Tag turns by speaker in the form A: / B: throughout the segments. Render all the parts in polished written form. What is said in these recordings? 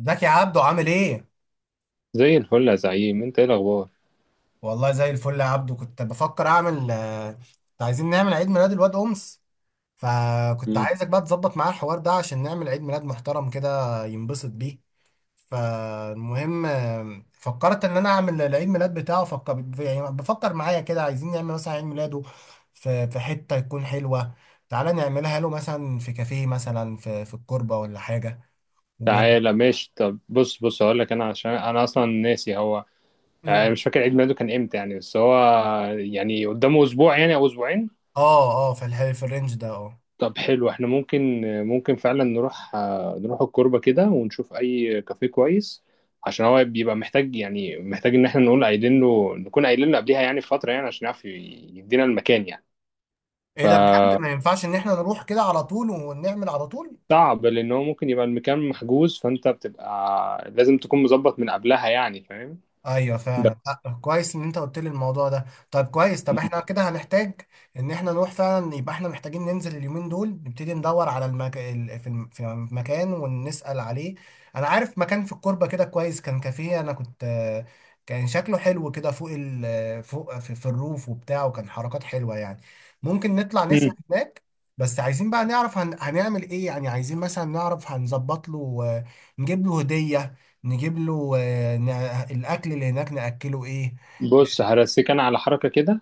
A: ازيك يا عبدو عامل ايه؟
B: زي الفل يا زعيم، انت ايه الاخبار؟
A: والله زي الفل يا عبدو كنت بفكر اعمل كنت عايزين نعمل عيد ميلاد الواد امس فكنت
B: مم.
A: عايزك بقى تظبط معاه الحوار ده عشان نعمل عيد ميلاد محترم كده ينبسط بيه. فالمهم فكرت ان انا اعمل العيد ميلاد بتاعه فكر يعني بفكر معايا كده عايزين نعمل مثلا عيد ميلاده في حتة تكون حلوة. تعالى نعملها له مثلا في كافيه مثلا في الكوربة ولا حاجة و...
B: تعالى ماشي، طب بص بص هقول لك، انا عشان انا اصلا ناسي هو
A: مم.
B: مش فاكر عيد ميلاده كان امتى، يعني بس هو يعني قدامه اسبوع، يعني او اسبوعين.
A: اه اه في الرينج ده اه.
B: طب حلو، احنا ممكن فعلا نروح الكوربة كده، ونشوف اي كافيه كويس. عشان هو بيبقى محتاج، يعني محتاج ان احنا نقول قايلين له نكون قايلين له قبليها، يعني بفترة، يعني عشان يعرف يدينا المكان يعني.
A: ايه
B: ف
A: ده بجد ما ينفعش ان احنا نروح كده على طول ونعمل على طول.
B: صعب لان هو ممكن يبقى المكان محجوز، فانت بتبقى لازم تكون مظبط من قبلها، يعني فاهم؟
A: ايوه فعلا.
B: بس.
A: كويس ان انت قلت لي الموضوع ده. طيب كويس طب احنا كده هنحتاج ان احنا نروح فعلا يبقى احنا محتاجين ننزل اليومين دول نبتدي ندور على المك... ال- في الم- في مكان ونسأل عليه. انا عارف مكان في الكوربة كده كويس كان كافيه انا كنت كان شكله حلو كده فوق في الروف وبتاع وكان حركات حلوة يعني ممكن نطلع نسأل
B: مم.
A: هناك. بس عايزين بقى نعرف هنعمل ايه يعني عايزين مثلا نعرف هنظبط له نجيب له هدية، نجيب له الاكل اللي هناك ناكله ايه.
B: بص، هرسيك انا على حركه كده.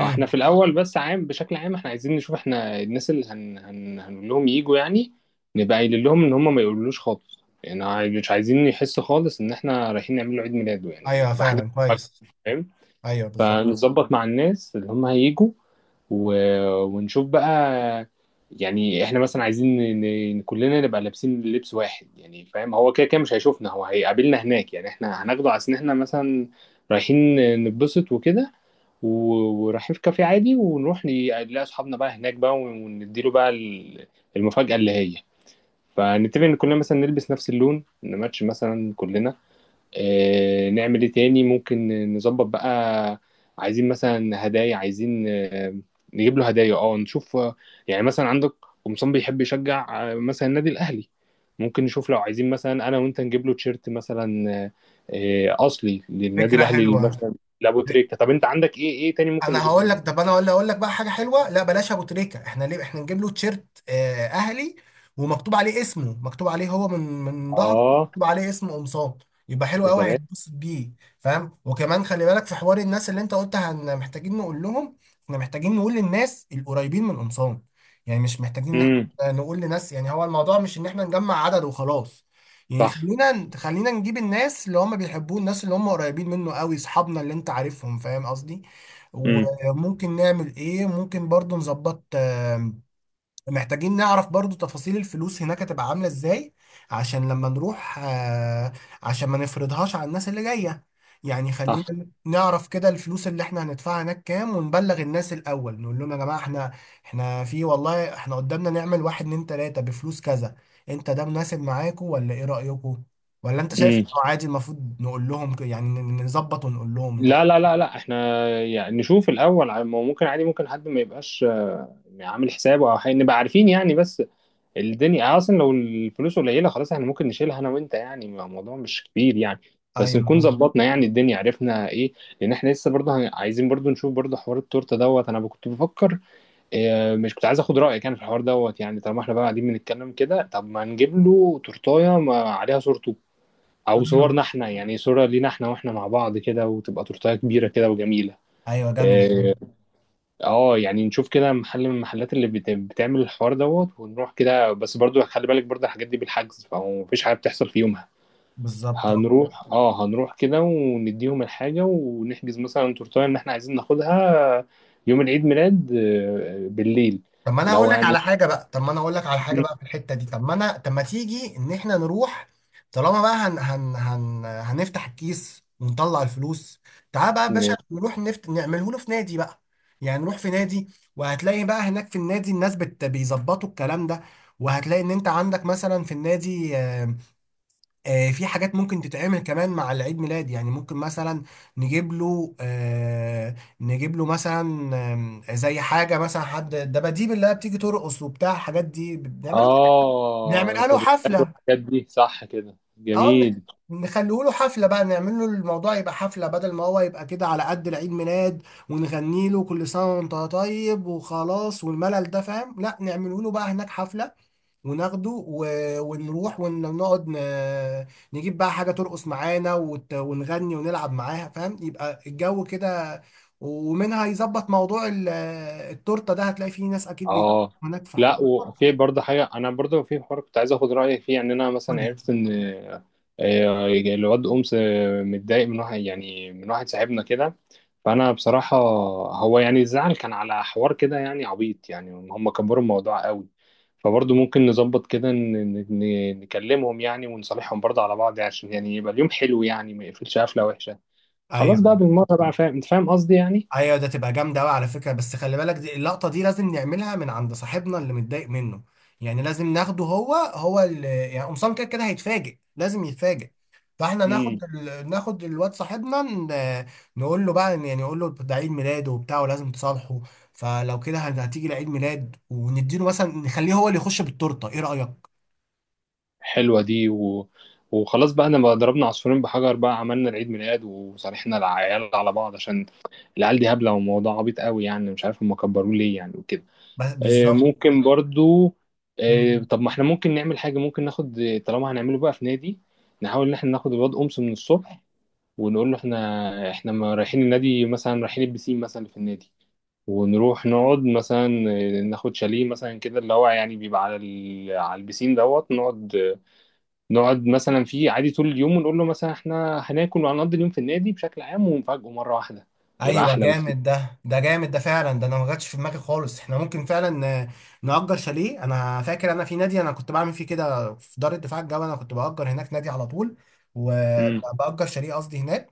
B: احنا في الاول، بس بشكل عام احنا عايزين نشوف احنا الناس اللي هنقول لهم يجوا يعني. نبقى قايلين لهم ان هم ما يقولوش خالص، يعني مش عايزين يحسوا خالص ان احنا رايحين نعمل له عيد ميلاده، يعني
A: ايوه
B: تبقى حاجه،
A: فعلا كويس.
B: فاهم؟
A: ايوه بالظبط.
B: فنظبط مع الناس اللي هم هيجوا، و... ونشوف بقى. يعني احنا مثلا عايزين كلنا نبقى لابسين لبس واحد، يعني فاهم، هو كده كده مش هيشوفنا، هو هيقابلنا هناك، يعني احنا هناخده على ان احنا مثلا رايحين نتبسط وكده، و... ورايحين في كافيه عادي، ونروح نلاقي اصحابنا بقى هناك بقى، ونديله بقى المفاجأة اللي هي. فنتفق ان كلنا مثلا نلبس نفس اللون، نماتش مثلا كلنا، نعمل ايه تاني ممكن نظبط بقى. عايزين مثلا هدايا، عايزين نجيب له هدايا، اه نشوف، يعني مثلا عندك قمصان بيحب يشجع مثلا النادي الاهلي. ممكن نشوف لو عايزين مثلا انا وانت نجيب له تيشيرت مثلا، اصلي للنادي
A: فكره
B: الاهلي اللي
A: حلوه.
B: مثلا لابو تريكه. طب انت عندك ايه تاني ممكن
A: انا
B: نجيبه
A: هقول لك
B: له؟
A: طب انا ولا اقول لك بقى حاجه حلوه، لا بلاش ابو تريكه، احنا ليه احنا نجيب له تيشيرت اهلي ومكتوب عليه اسمه، مكتوب عليه هو من ظهره
B: اه،
A: مكتوب عليه اسم قمصان، يبقى حلو
B: يا
A: قوي
B: سلام.
A: هيتبسط بيه. فاهم وكمان خلي بالك في حوار الناس اللي انت قلتها ان محتاجين نقول لهم، احنا محتاجين نقول للناس القريبين من قمصان، يعني مش محتاجين ان
B: امم.
A: احنا نقول لناس، يعني هو الموضوع مش ان احنا نجمع عدد وخلاص. يعني
B: صح.
A: خلينا نجيب الناس اللي هم بيحبوه، الناس اللي هم قريبين منه قوي، اصحابنا اللي انت عارفهم فاهم قصدي.
B: امم.
A: وممكن نعمل ايه، ممكن برضو نظبط محتاجين نعرف برضو تفاصيل الفلوس هناك هتبقى عاملة ازاي، عشان لما نروح عشان ما نفرضهاش على الناس اللي جاية. يعني
B: صح.
A: خلينا نعرف كده الفلوس اللي احنا هندفعها هناك كام ونبلغ الناس الاول نقول لهم يا جماعة احنا احنا في والله احنا قدامنا نعمل واحد اتنين تلاتة بفلوس كذا، انت ده مناسب معاكم ولا ايه رأيكم؟ ولا انت شايف
B: امم.
A: انه عادي المفروض نقول لهم نظبط ونقول لهم انت
B: لا، لا،
A: رأيك؟
B: لا، لا، احنا يعني نشوف الاول، ما هو ممكن عادي، ممكن حد ما يبقاش عامل حسابه او حاجة، نبقى عارفين يعني، بس. الدنيا يعني اصلا لو الفلوس قليله، خلاص احنا ممكن نشيلها انا وانت، يعني الموضوع مش كبير يعني. بس نكون
A: ايوه
B: ظبطنا يعني الدنيا، عرفنا ايه. لان احنا لسه برضه عايزين برضه نشوف برضه حوار التورته دوت، انا كنت بفكر. اه، مش كنت عايز اخد رايك يعني في الحوار دوت، يعني طالما احنا بقى قاعدين بنتكلم كده، طب ما نجيب له تورتايه ما عليها صورته، او صورنا احنا، يعني صورة لينا احنا واحنا مع بعض كده، وتبقى تورتايه كبيرة كده وجميلة.
A: ايوه جنب.
B: اه. يعني نشوف كده محل من المحلات اللي بتعمل الحوار دوت، ونروح كده، بس برضو خلي بالك برضو الحاجات دي بالحجز فمفيش حاجة بتحصل في يومها.
A: بالظبط اه.
B: هنروح كده، ونديهم الحاجة، ونحجز مثلا تورتايه ان احنا عايزين ناخدها يوم العيد ميلاد بالليل.
A: طب ما انا
B: اللي
A: هقول
B: هو
A: لك
B: يعني
A: على حاجه بقى، طب ما انا هقول لك على حاجه بقى في الحته دي، طب ما انا طب ما تيجي ان احنا نروح طالما بقى هن هن هن هنفتح الكيس ونطلع الفلوس. تعال بقى يا باشا
B: م-
A: نروح نعمله له في نادي بقى، يعني نروح في نادي. وهتلاقي بقى هناك في النادي الناس بيظبطوا الكلام ده. وهتلاقي ان انت عندك مثلا في النادي في حاجات ممكن تتعمل كمان مع العيد ميلاد، يعني ممكن مثلا نجيب له نجيب له مثلا زي حاجة مثلا حد الدباديب اللي هي بتيجي ترقص وبتاع، الحاجات دي بنعمله
B: اه،
A: نعملها له
B: الغرزات
A: حفلة.
B: والحاجات دي، صح كده
A: اه
B: جميل.
A: نخليه له حفلة بقى، نعمل له الموضوع يبقى حفلة بدل ما هو يبقى كده على قد العيد ميلاد ونغني له كل سنة وانت طيب وخلاص والملل ده فاهم، لا نعمله له بقى هناك حفلة وناخده و... ونروح ونقعد نجيب بقى حاجة ترقص معانا ونغني ونلعب معاها فاهم يبقى الجو كده. ومنها يظبط موضوع التورتة ده، هتلاقي فيه ناس أكيد بيجيبوا
B: اه.
A: هناك في حوار
B: لا، وفي
A: التورتة.
B: برضه حاجه، انا برضه في حوار كنت عايز اخد رايك فيه، يعني انا
A: قول
B: مثلا
A: لي.
B: عرفت ان الواد امس متضايق من واحد، يعني من واحد صاحبنا كده. فانا بصراحه هو، يعني الزعل كان على حوار كده يعني عبيط، يعني هم كبروا الموضوع قوي. فبرضه ممكن نظبط كده، نكلمهم يعني، ونصالحهم برضه على بعض، يعني عشان يعني يبقى اليوم حلو، يعني ما يقفلش قفله وحشه. خلاص بقى،
A: ايوه
B: بالمره بقى، فاهم انت، فاهم قصدي يعني.
A: ايوه ده تبقى جامده قوي على فكره، بس خلي بالك دي اللقطه دي لازم نعملها من عند صاحبنا اللي متضايق منه، يعني لازم ناخده هو اللي يعني قمصان كده كده هيتفاجئ لازم يتفاجئ. فاحنا ناخد الواد صاحبنا نقول له بقى، يعني نقول له ده عيد ميلاده وبتاع ولازم تصالحه، فلو كده هتيجي لعيد ميلاد ونديله مثلا نخليه هو اللي يخش بالتورته، ايه رايك؟
B: حلوة دي، وخلاص بقى، انا بقى ضربنا عصفورين بحجر، بقى عملنا العيد ميلاد وصالحنا العيال على بعض، عشان العيال دي هبلة وموضوع عبيط قوي، يعني مش عارف هم كبروه ليه يعني وكده.
A: بس بالظبط.
B: ممكن برضو، طب ما احنا ممكن نعمل حاجة، ممكن ناخد، طالما هنعمله بقى في نادي، نحاول ان احنا ناخد الواد أمس من الصبح. ونقول له احنا ما رايحين النادي مثلا، رايحين البسين مثلا اللي في النادي. ونروح نقعد مثلا، ناخد شاليه مثلا كده، اللي هو يعني بيبقى على على البسين دوت، نقعد مثلا فيه عادي طول اليوم، ونقول له مثلا احنا هناكل وهنقضي اليوم في النادي بشكل عام، ونفاجئه مرة واحدة. يبقى
A: ايوه
B: أحلى بكتير.
A: جامد ده، جامد ده فعلا، ده انا ما جاتش في دماغي خالص. احنا ممكن فعلا نأجر شاليه. انا فاكر انا في نادي انا كنت بعمل فيه كده في دار الدفاع الجوي، انا كنت بأجر هناك نادي على طول
B: امم.
A: وبأجر شاليه قصدي هناك.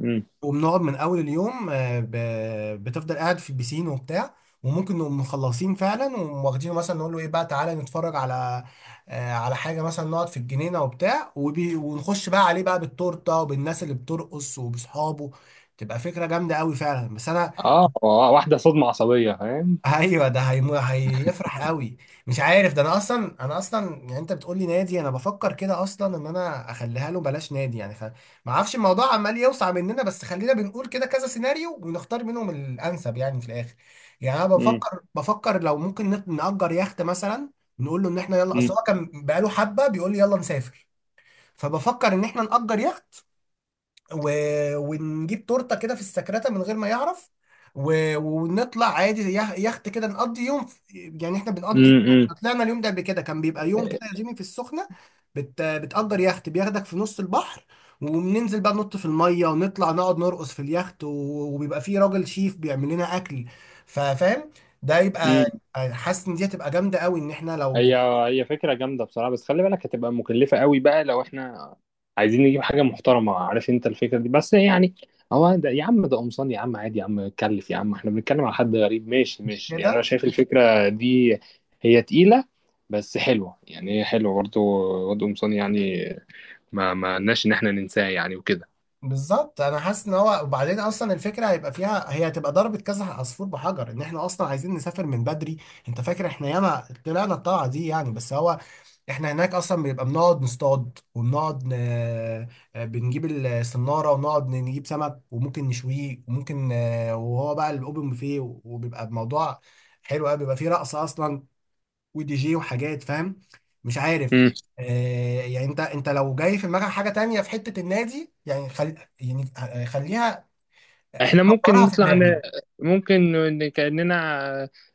B: امم.
A: وبنقعد من اول اليوم بتفضل قاعد في البيسين وبتاع. وممكن نقوم مخلصين فعلا وواخدينه مثلا نقول له ايه بقى تعالى نتفرج على على حاجه، مثلا نقعد في الجنينه وبتاع وبي ونخش بقى عليه بقى بالتورته وبالناس اللي بترقص وباصحابه. تبقى فكره جامده قوي فعلا بس انا.
B: اه. واحدة صدمة عصبية، فاهم.
A: ايوه ده هيفرح قوي. مش عارف ده انا اصلا، انا اصلا يعني انت بتقول لي نادي انا بفكر كده اصلا ان انا اخليها له بلاش نادي يعني ما اعرفش الموضوع عمال يوسع مننا، بس خلينا بنقول كده كذا سيناريو ونختار منهم الانسب يعني في الاخر. يعني انا
B: امم.
A: بفكر، بفكر لو ممكن نأجر يخت مثلا، نقول له ان احنا يلا، اصل
B: امم.
A: هو كان بقاله حبه بيقول لي يلا نسافر. فبفكر ان احنا نأجر يخت و... ونجيب تورته كده في السكرته من غير ما يعرف و... ونطلع عادي يخت كده نقضي يوم في... يعني احنا بنقضي،
B: امم.
A: احنا طلعنا اليوم ده قبل كده كان بيبقى يوم كده يا جيمي في السخنه، بتأجر يخت بياخدك في نص البحر وبننزل بقى ننط في الميه ونطلع نقعد نرقص في اليخت و... وبيبقى فيه راجل شيف بيعمل لنا اكل فاهم. ده يبقى
B: امم.
A: حاسس ان دي هتبقى جامده قوي ان احنا لو،
B: هي هي فكرة جامدة بصراحة، بس خلي بالك هتبقى مكلفة قوي بقى لو احنا عايزين نجيب حاجة محترمة، عارف انت الفكرة دي، بس يعني. هو ده يا عم، ده قمصان يا عم، عادي يا عم، اتكلف يا عم، احنا بنتكلم على حد غريب، ماشي
A: مش
B: ماشي، يعني انا
A: كده.
B: شايف الفكرة دي هي تقيلة. بس حلوة يعني، هي حلوة برضه، واد قمصان يعني، ما لناش ان احنا ننساه يعني وكده.
A: بالظبط انا حاسس ان هو، وبعدين اصلا الفكره هيبقى فيها، هي هتبقى ضربه كذا عصفور بحجر ان احنا اصلا عايزين نسافر من بدري. انت فاكر احنا ياما طلعنا الطلعه دي يعني، بس هو احنا هناك اصلا بيبقى بنقعد نصطاد وبنقعد ن... آه، بنجيب الصناره ونقعد نجيب سمك وممكن نشويه وممكن وهو بقى الاوبن بوفيه وبيبقى الموضوع حلو قوي، بيبقى فيه رقص اصلا ودي جي وحاجات فاهم. مش عارف آه، يعني انت لو جاي في دماغك حاجه تانية في حته النادي يعني خل... يعني آه، خليها،
B: احنا ممكن
A: كبرها في
B: نطلع
A: دماغي.
B: ممكن كأننا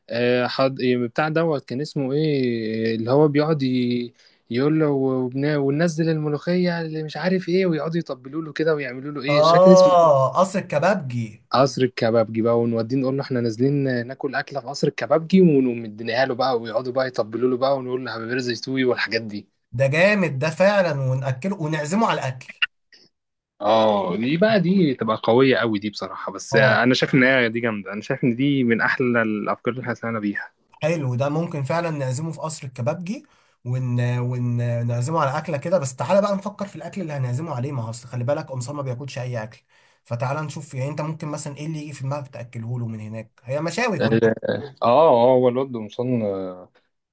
B: بتاع دوت كان اسمه ايه، اللي هو بيقعد يقول له وننزل الملوخية اللي مش عارف ايه، ويقعدوا يطبلوا له كده، ويعملوا له ايه، مش فاكر اسمه إيه.
A: اه قصر الكبابجي.
B: قصر الكبابجي بقى، ونوديه نقول له احنا نازلين ناكل أكلة في قصر الكبابجي، ونقوم مديناها له بقى، ويقعدوا بقى يطبلوا له بقى، ونقول له حبيبي رزق يستوي والحاجات دي.
A: ده جامد ده فعلا، ونأكله ونعزمه على الاكل.
B: اه، دي بقى، دي تبقى قوية قوي دي بصراحة، بس
A: اه
B: انا شايف ان هي دي جامدة، انا شايف ان دي من احلى الافكار اللي احنا طلعنا بيها.
A: حلو ده، ممكن فعلا نعزمه في قصر الكبابجي ونعزمه على اكله كده. بس تعالى بقى نفكر في الاكل اللي هنعزمه عليه، ما هو أصل خلي بالك قمصان ما بياكلش اي اكل. فتعالى نشوف يعني انت ممكن مثلا ايه اللي يجي في دماغك تاكله له من هناك، هي مشاوي كلها.
B: اه، اه، هو الواد قمصان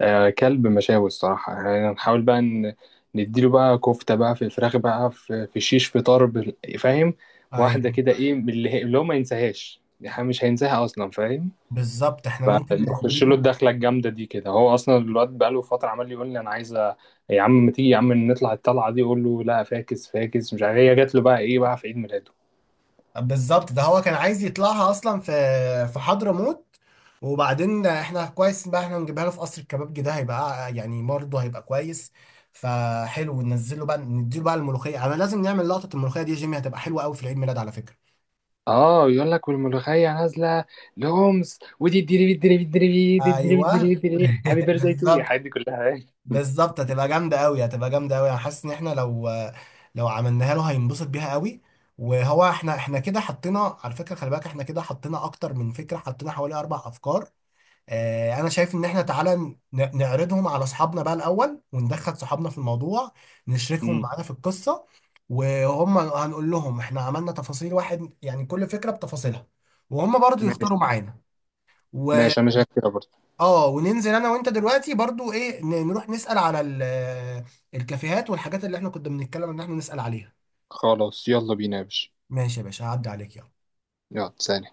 B: كلب مشاوي الصراحة يعني، هنحاول بقى نديله بقى كفتة بقى، في فراخ بقى، في شيش، في طرب فاهم. واحدة
A: ايوه
B: كده ايه من اللي هو ما ينساهاش، يعني مش هينساها اصلا فاهم.
A: بالظبط احنا ممكن
B: فنخش له
A: نديله.
B: الدخلة الجامدة دي كده، هو اصلا الواد بقاله فترة عمال يقول لي انا عايز يا عم ما تيجي يا عم نطلع الطلعة دي، اقول له لا، فاكس فاكس مش عارف إيه. هي جات له بقى ايه بقى في عيد ميلاده.
A: بالظبط ده هو كان عايز يطلعها اصلا في في حضرموت، وبعدين احنا كويس بقى احنا نجيبها له في قصر الكبابجي ده هيبقى يعني برضه هيبقى كويس. فحلو ننزله بقى نديله بقى الملوخيه، انا لازم نعمل لقطه الملوخيه دي يا جيمي، هتبقى حلوه قوي في العيد ميلاد على فكره.
B: اه، يقول لك والملوخيه نازله، لهمس ودي الدري الدري الدري دي الدري الدري
A: ايوه
B: الدري هابي بيرثداي تو
A: بالظبط.
B: الحاجات دي كلها
A: بالظبط هتبقى جامدة قوي، هتبقى جامدة قوي، انا حاسس ان احنا لو، لو عملناها له هينبسط بيها قوي. وهو احنا، احنا كده حطينا على فكرة خلي بالك احنا كده حطينا اكتر من فكرة، حطينا حوالي 4 افكار. اه انا شايف ان احنا تعالى نعرضهم على اصحابنا بقى الاول وندخل صحابنا في الموضوع، نشركهم
B: مم.
A: معانا في القصة. وهم هنقول لهم احنا عملنا تفاصيل واحد يعني كل فكرة بتفاصيلها وهم برضو
B: ماشي،
A: يختاروا معانا.
B: ماشي انا شايف كده برضه.
A: اه وننزل انا وانت دلوقتي برضو ايه نروح نسأل على الكافيهات والحاجات اللي احنا كنا بنتكلم ان احنا نسأل عليها.
B: خلاص يلا بينا يا باشا.
A: ماشي يا باشا هعدي عليك يلا.
B: يلا سلام.